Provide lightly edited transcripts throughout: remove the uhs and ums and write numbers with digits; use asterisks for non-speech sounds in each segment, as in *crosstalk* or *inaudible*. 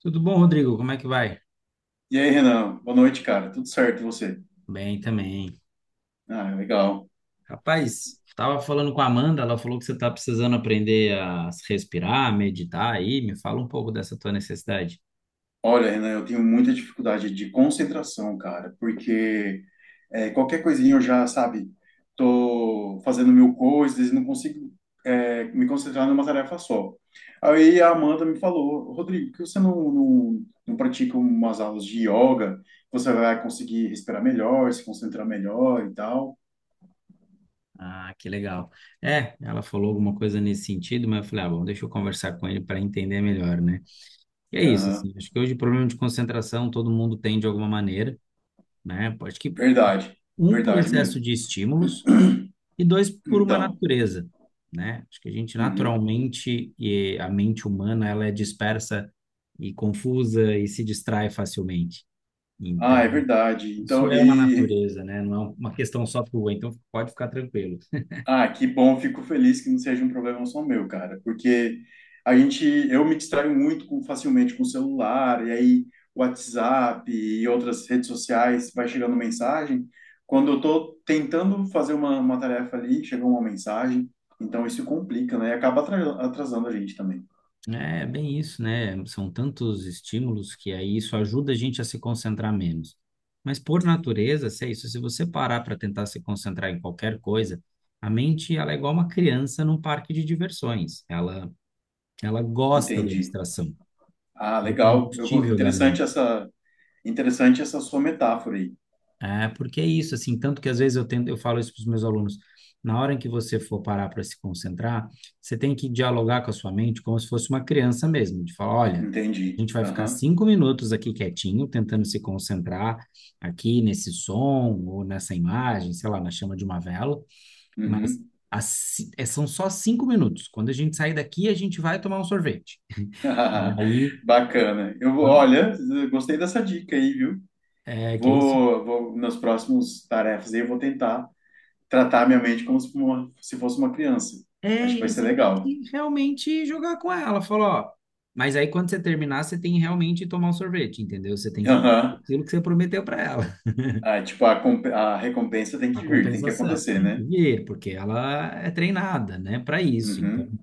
Tudo bom, Rodrigo? Como é que vai? E aí, Renan? Boa noite, cara. Tudo certo, e você? Bem também. Ah, legal. Rapaz, estava falando com a Amanda, ela falou que você está precisando aprender a respirar, meditar aí. Me fala um pouco dessa tua necessidade. Olha, Renan, eu tenho muita dificuldade de concentração, cara, porque qualquer coisinha eu já, sabe, tô fazendo mil coisas e não consigo me concentrar numa tarefa só. Aí a Amanda me falou, Rodrigo, por que você não pratica umas aulas de yoga? Você vai conseguir respirar melhor, se concentrar melhor e tal. Ah, que legal. É, ela falou alguma coisa nesse sentido, mas eu falei, ah, bom, deixa eu conversar com ele para entender melhor, né? E é isso, Aham. assim, acho que hoje o problema de concentração todo mundo tem de alguma maneira, né? Acho que Verdade, um por verdade excesso mesmo. de estímulos, e dois, por uma Então, natureza, né? Acho que a gente uhum. naturalmente, e a mente humana, ela é dispersa e confusa e se distrai facilmente. Então, Ah, é verdade. isso Então, é uma natureza, né? Não é uma questão só tua, então pode ficar tranquilo. ah, que bom, fico feliz que não seja um problema só meu, cara, porque a gente eu me distraio muito facilmente com o celular, e aí WhatsApp e outras redes sociais vai chegando mensagem. Quando eu tô tentando fazer uma tarefa ali, chega uma mensagem, então isso complica, né? E acaba atrasando a gente também. É bem isso, né? São tantos estímulos que aí isso ajuda a gente a se concentrar menos. Mas por natureza, se é isso, se você parar para tentar se concentrar em qualquer coisa, a mente ela é igual uma criança num parque de diversões. Ela gosta da Entendi. distração, Ah, do legal. Eu, go- combustível da mente. Interessante essa sua metáfora aí. É, porque é isso, assim, tanto que às vezes eu tento, eu falo isso para os meus alunos. Na hora em que você for parar para se concentrar, você tem que dialogar com a sua mente como se fosse uma criança mesmo, de falar, olha, a Entendi. gente vai ficar Aham. 5 minutos aqui quietinho, tentando se concentrar aqui nesse som ou nessa imagem, sei lá, na chama de uma vela, mas Uhum. as são só 5 minutos. Quando a gente sair daqui, a gente vai tomar um sorvete. *laughs* E aí, Bacana. Eu vou, quando, olha, gostei dessa dica aí, viu? Que é isso? Vou nas próximas tarefas aí, eu vou tentar tratar minha mente como se fosse uma criança. É, Acho que e vai aí ser você tem legal. que realmente jogar com ela. Falou, ó. Mas aí quando você terminar, você tem que realmente tomar um sorvete, entendeu? Você tem *laughs* que cumprir Aham. aquilo que você prometeu para ela, Ah, tipo, a recompensa tem *laughs* a que vir, tem que compensação. acontecer, Tem que né? vir, porque ela é treinada, né, para isso. Então, Uhum.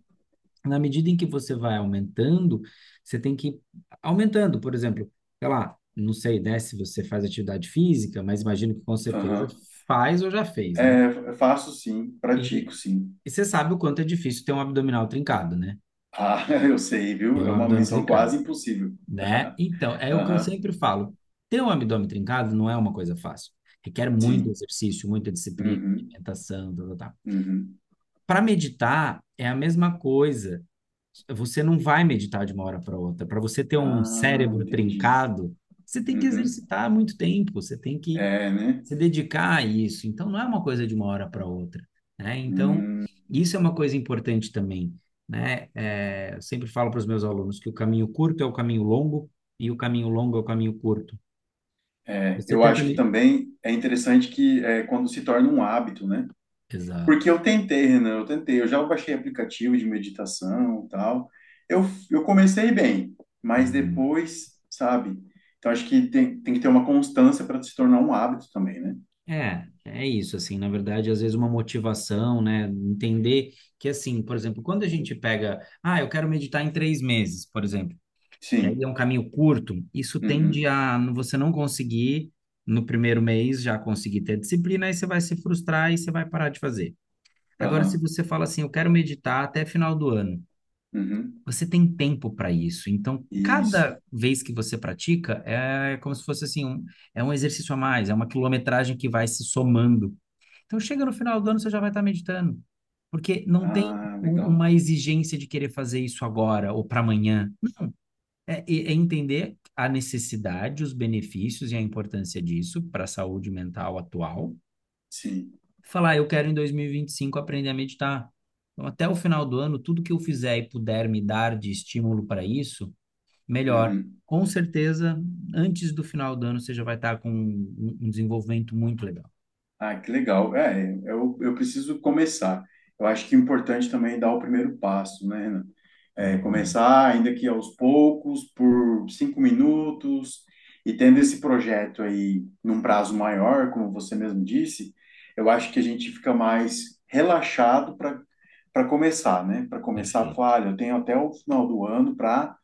na medida em que você vai aumentando, você tem que ir aumentando, por exemplo, sei lá, não sei, né, se você faz atividade física, mas imagino que com certeza Aham. faz ou já fez, né? É, eu faço sim, pratico E, sim. e você sabe o quanto é difícil ter um abdominal trincado, né? Ah, *laughs* eu sei, Tem viu? um É uma abdômen missão trincado. quase impossível. Né? Então, é o que eu Aham. sempre falo. Ter um abdômen trincado não é uma coisa fácil. Requer muito Sim. exercício, muita disciplina, Uhum. alimentação, tá, tá, tá. Uhum. Para meditar é a mesma coisa. Você não vai meditar de uma hora para outra. Para você ter um Ah, cérebro entendi. trincado, você tem que Uhum. exercitar muito tempo, você tem que É, né? se dedicar a isso. Então, não é uma coisa de uma hora para outra, né? Então, Hum. isso é uma coisa importante também, né? É, eu sempre falo para os meus alunos que o caminho curto é o caminho longo e o caminho longo é o caminho curto. É, Você eu tenta acho que me... também é interessante que é, quando se torna um hábito, né? Exato. Porque eu tentei, Renan, eu tentei, eu já baixei aplicativo de meditação e tal. Eu, eu comecei bem, mas Uhum. depois, sabe? Então acho que tem que ter uma constância para se tornar um hábito também, né? É, é isso, assim, na verdade, às vezes uma motivação, né, entender que, assim, por exemplo, quando a gente pega, ah, eu quero meditar em 3 meses, por exemplo, que aí é Sim. um caminho curto, isso tende Uhum. a você não conseguir, no primeiro mês, já conseguir ter disciplina, aí você vai se frustrar e você vai parar de fazer. Agora, se Aham. você fala assim, eu quero meditar até final do ano, Uhum. você tem tempo para isso, então, Isso. cada vez que você pratica, é como se fosse, assim, é um exercício a mais, é uma quilometragem que vai se somando então chega no final do ano, você já vai estar meditando. Porque não tem Ah, legal. uma exigência de querer fazer isso agora ou para amanhã. É, é entender a necessidade, os benefícios e a importância disso para a saúde mental atual. Sim. Falar, eu quero em 2025 aprender a meditar. Então, até o final do ano, tudo que eu fizer e puder me dar de estímulo para isso, melhor. Uhum. Com certeza, antes do final do ano, você já vai estar com um desenvolvimento muito legal. Ah, que legal. É, eu preciso começar. Eu acho que é importante também dar o primeiro passo, né, Renan? É, Uhum, começar, ainda que aos poucos, por 5 minutos, e tendo esse projeto aí num prazo maior, como você mesmo disse, eu acho que a gente fica mais relaxado para começar, né? Para começar, perfeito. falar, "Olha, eu tenho até o final do ano para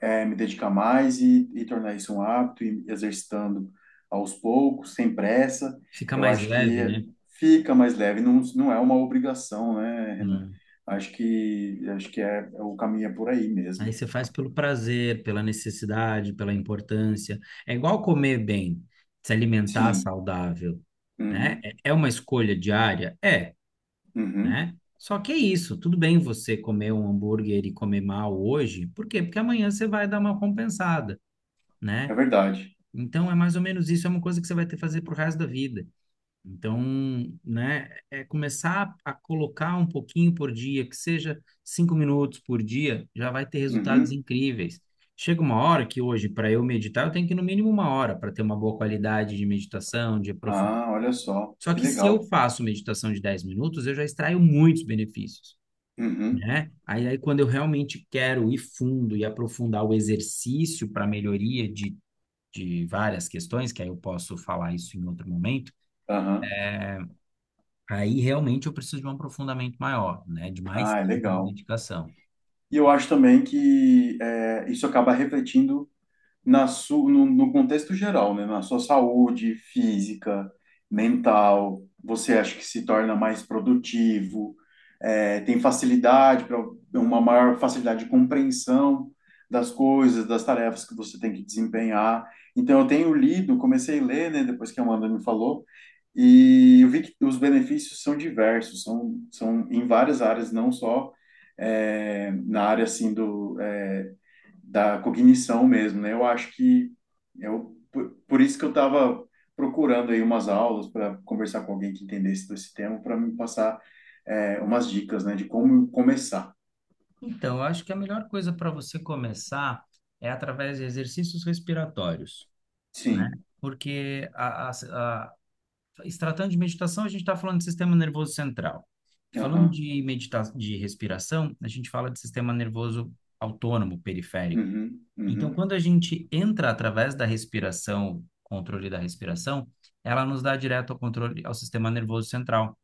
me dedicar mais e tornar isso um hábito, e exercitando aos poucos, sem pressa, Fica eu mais acho que leve, né? fica mais leve, não é uma obrigação, né, Renan? Né? Acho que é o caminho é por aí Aí mesmo. você faz pelo prazer, pela necessidade, pela importância. É igual comer bem, se alimentar Sim, saudável, né? uhum, É é uma escolha diária? É, uhum, né? Só que é isso, tudo bem você comer um hambúrguer e comer mal hoje, por quê? Porque amanhã você vai dar uma compensada, é né? verdade. Então é mais ou menos isso, é uma coisa que você vai ter que fazer pro resto da vida. Então, né, é começar a colocar um pouquinho por dia, que seja 5 minutos por dia, já vai ter resultados Uhum. incríveis. Chega uma hora que hoje, para eu meditar, eu tenho que ir no mínimo uma hora para ter uma boa qualidade de meditação, de aprofundamento. Ah, olha só, Só que que se eu legal. faço meditação de 10 minutos, eu já extraio muitos benefícios, Uhum, né? Aí quando eu realmente quero ir fundo e aprofundar o exercício para melhoria de várias questões, que aí eu posso falar isso em outro momento. aham. Aí realmente eu preciso de um aprofundamento maior, né? De mais Ah, é tempo de legal. dedicação. E eu acho também que é, isso acaba refletindo na su, no, no contexto geral, né? Na sua saúde física, mental, você acha que se torna mais produtivo, é, tem facilidade para uma maior facilidade de compreensão das coisas, das tarefas que você tem que desempenhar. Então, eu tenho lido, comecei a ler, né? Depois que a Amanda me falou, e eu vi que os benefícios são diversos, são em várias áreas, não só. Na área assim da cognição mesmo, né? Eu acho que por isso que eu estava procurando aí umas aulas para conversar com alguém que entendesse desse tema para me passar umas dicas, né, de como começar. Então, eu acho que a melhor coisa para você começar é através de exercícios respiratórios, né? Sim. Porque a, se tratando de meditação, a gente está falando de sistema nervoso central. Falando Aham. de medita de respiração, a gente fala de sistema nervoso autônomo, periférico. Uhum. Então, Uhum. quando a gente entra através da respiração, controle da respiração, ela nos dá direto ao controle ao sistema nervoso central.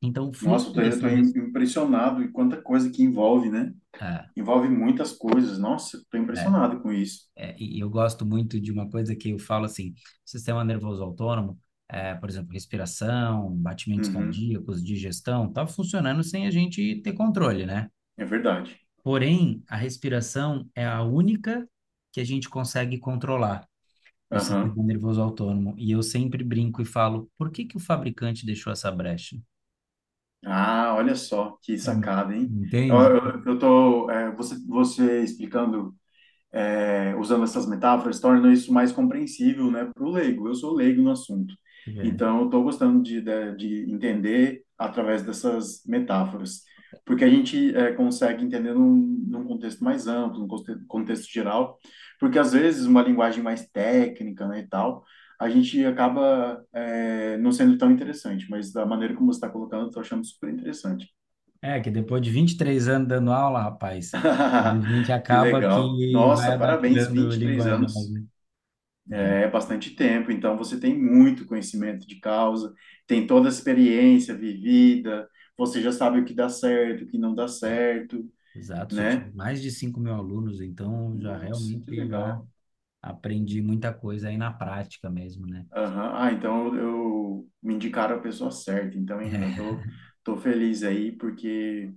Então, o Nossa, eu fluxo tô, da eu tô sua im- impressionado e quanta coisa que envolve, né? é, Envolve muitas coisas. Nossa, eu tô é, impressionado com isso. E eu gosto muito de uma coisa que eu falo assim, sistema nervoso autônomo, é, por exemplo, respiração, batimentos Uhum. cardíacos, digestão, tá funcionando sem a gente ter controle, né? É verdade. Porém, a respiração é a única que a gente consegue controlar do Aham. sistema nervoso autônomo. E eu sempre brinco e falo, por que que o fabricante deixou essa brecha? Ah, olha só que Hum, sacada, hein? Eu, Entende? eu, eu tô, é, você explicando usando essas metáforas, torna isso mais compreensível, né, para o leigo. Eu sou leigo no assunto, É. então eu estou gostando de entender através dessas metáforas, porque a gente consegue entender num, num contexto mais amplo, num conte- contexto geral, porque às vezes uma linguagem mais técnica, né, e tal, a gente acaba não sendo tão interessante, mas da maneira como você está colocando, eu estou achando super interessante. É que depois de 23 anos dando aula, rapaz, a gente *laughs* Que acaba legal. que vai Nossa, parabéns, adaptando o 23 linguajar, anos. né? Já, É bastante tempo, então você tem muito conhecimento de causa, tem toda a experiência vivida, você já sabe o que dá certo, o que não dá certo, exato, já tive né? mais de 5 mil alunos, então já Nossa, que realmente já legal. aprendi muita coisa aí na prática mesmo, né? Aham. Ah, então me indicaram a pessoa certa, então, hein, Renan, tô feliz aí, porque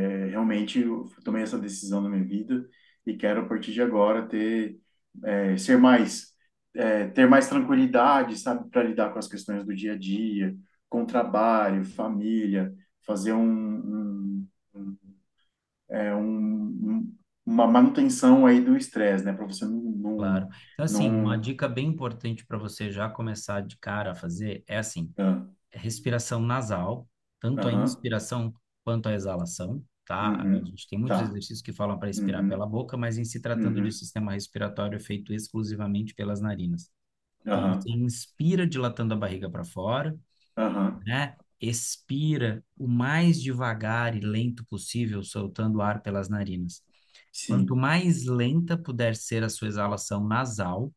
Realmente, eu tomei essa decisão na minha vida e quero, a partir de agora, ter, é, ser mais, é, ter mais tranquilidade, sabe, para lidar com as questões do dia a dia, com trabalho, família, fazer um, é, um- um- uma manutenção aí do estresse, né, para você não, Claro. não, Então, assim, uma não, dica bem importante para você já começar de cara a fazer é assim, ah, é respiração nasal, tanto a aham, inspiração quanto a exalação, tá? A uhum, gente tem muitos tá, exercícios que falam para expirar pela uhum, boca, mas em se tratando de uhum, sistema respiratório é feito exclusivamente pelas narinas. Então aham, você inspira dilatando a barriga para fora, aham, né? Expira o mais devagar e lento possível, soltando ar pelas narinas. Quanto sim, mais lenta puder ser a sua exalação nasal,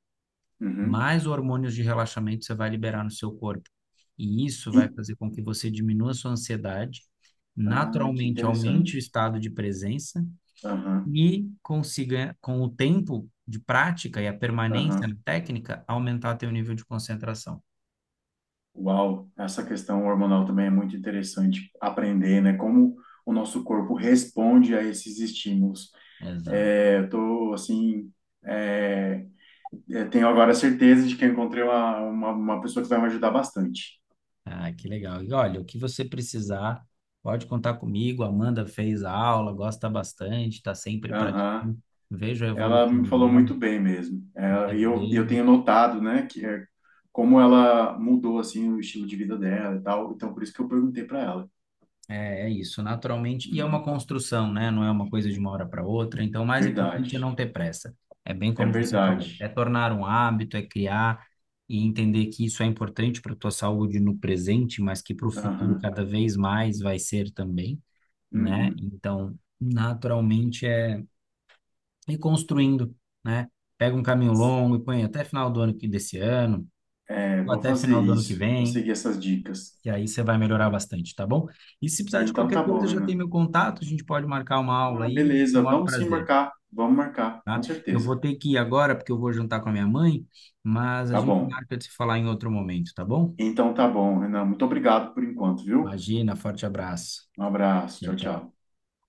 uhum. mais hormônios de relaxamento você vai liberar no seu corpo. E isso vai E- fazer com que você diminua a sua ansiedade, ah, que naturalmente aumente o interessante. estado de presença Aham, e consiga, com o tempo de prática e a permanência na aham. técnica, aumentar teu nível de concentração. Uau, essa questão hormonal também é muito interessante aprender, né? Como o nosso corpo responde a esses estímulos. Exato. É, eu tô, assim, é, eu tenho agora certeza de que eu encontrei uma pessoa que vai me ajudar bastante. Ah, que legal. E olha, o que você precisar, pode contar comigo. A Amanda fez a aula, gosta bastante, está sempre Aham. praticando. Vejo a Ela me evolução falou dela, muito bem mesmo. É, e eu eu, eu vejo. tenho notado, né, que é, como ela mudou, assim, o estilo de vida dela e tal. Então, por isso que eu perguntei para ela. É, é isso, naturalmente. E é uma Uhum. construção, né? Não é uma coisa de uma hora para outra. Então, o mais Verdade, importante é não ter pressa. É bem é como você falou, é verdade. tornar um hábito, é criar e entender que isso é importante para a tua saúde no presente, mas que para o futuro Aham. cada vez mais vai ser também, né? Uhum. Então, naturalmente é ir construindo, né? Pega um caminho longo e põe até final do ano que desse ano, É, ou vou até fazer final do ano que isso. Vou vem. seguir essas dicas. E aí você vai melhorar bastante, tá bom? E se precisar de Então qualquer tá bom, coisa, já tem Renan. meu contato, a gente pode marcar uma aula Ah, aí, com o beleza. maior Vamos sim prazer, marcar. Vamos marcar, com tá? Eu certeza. vou ter que ir agora, porque eu vou jantar com a minha mãe, mas a Tá gente bom. marca de se falar em outro momento, tá bom? Então tá bom, Renan. Muito obrigado por enquanto, viu? Imagina, forte abraço. Um abraço. Tchau, Tchau, tchau. tchau.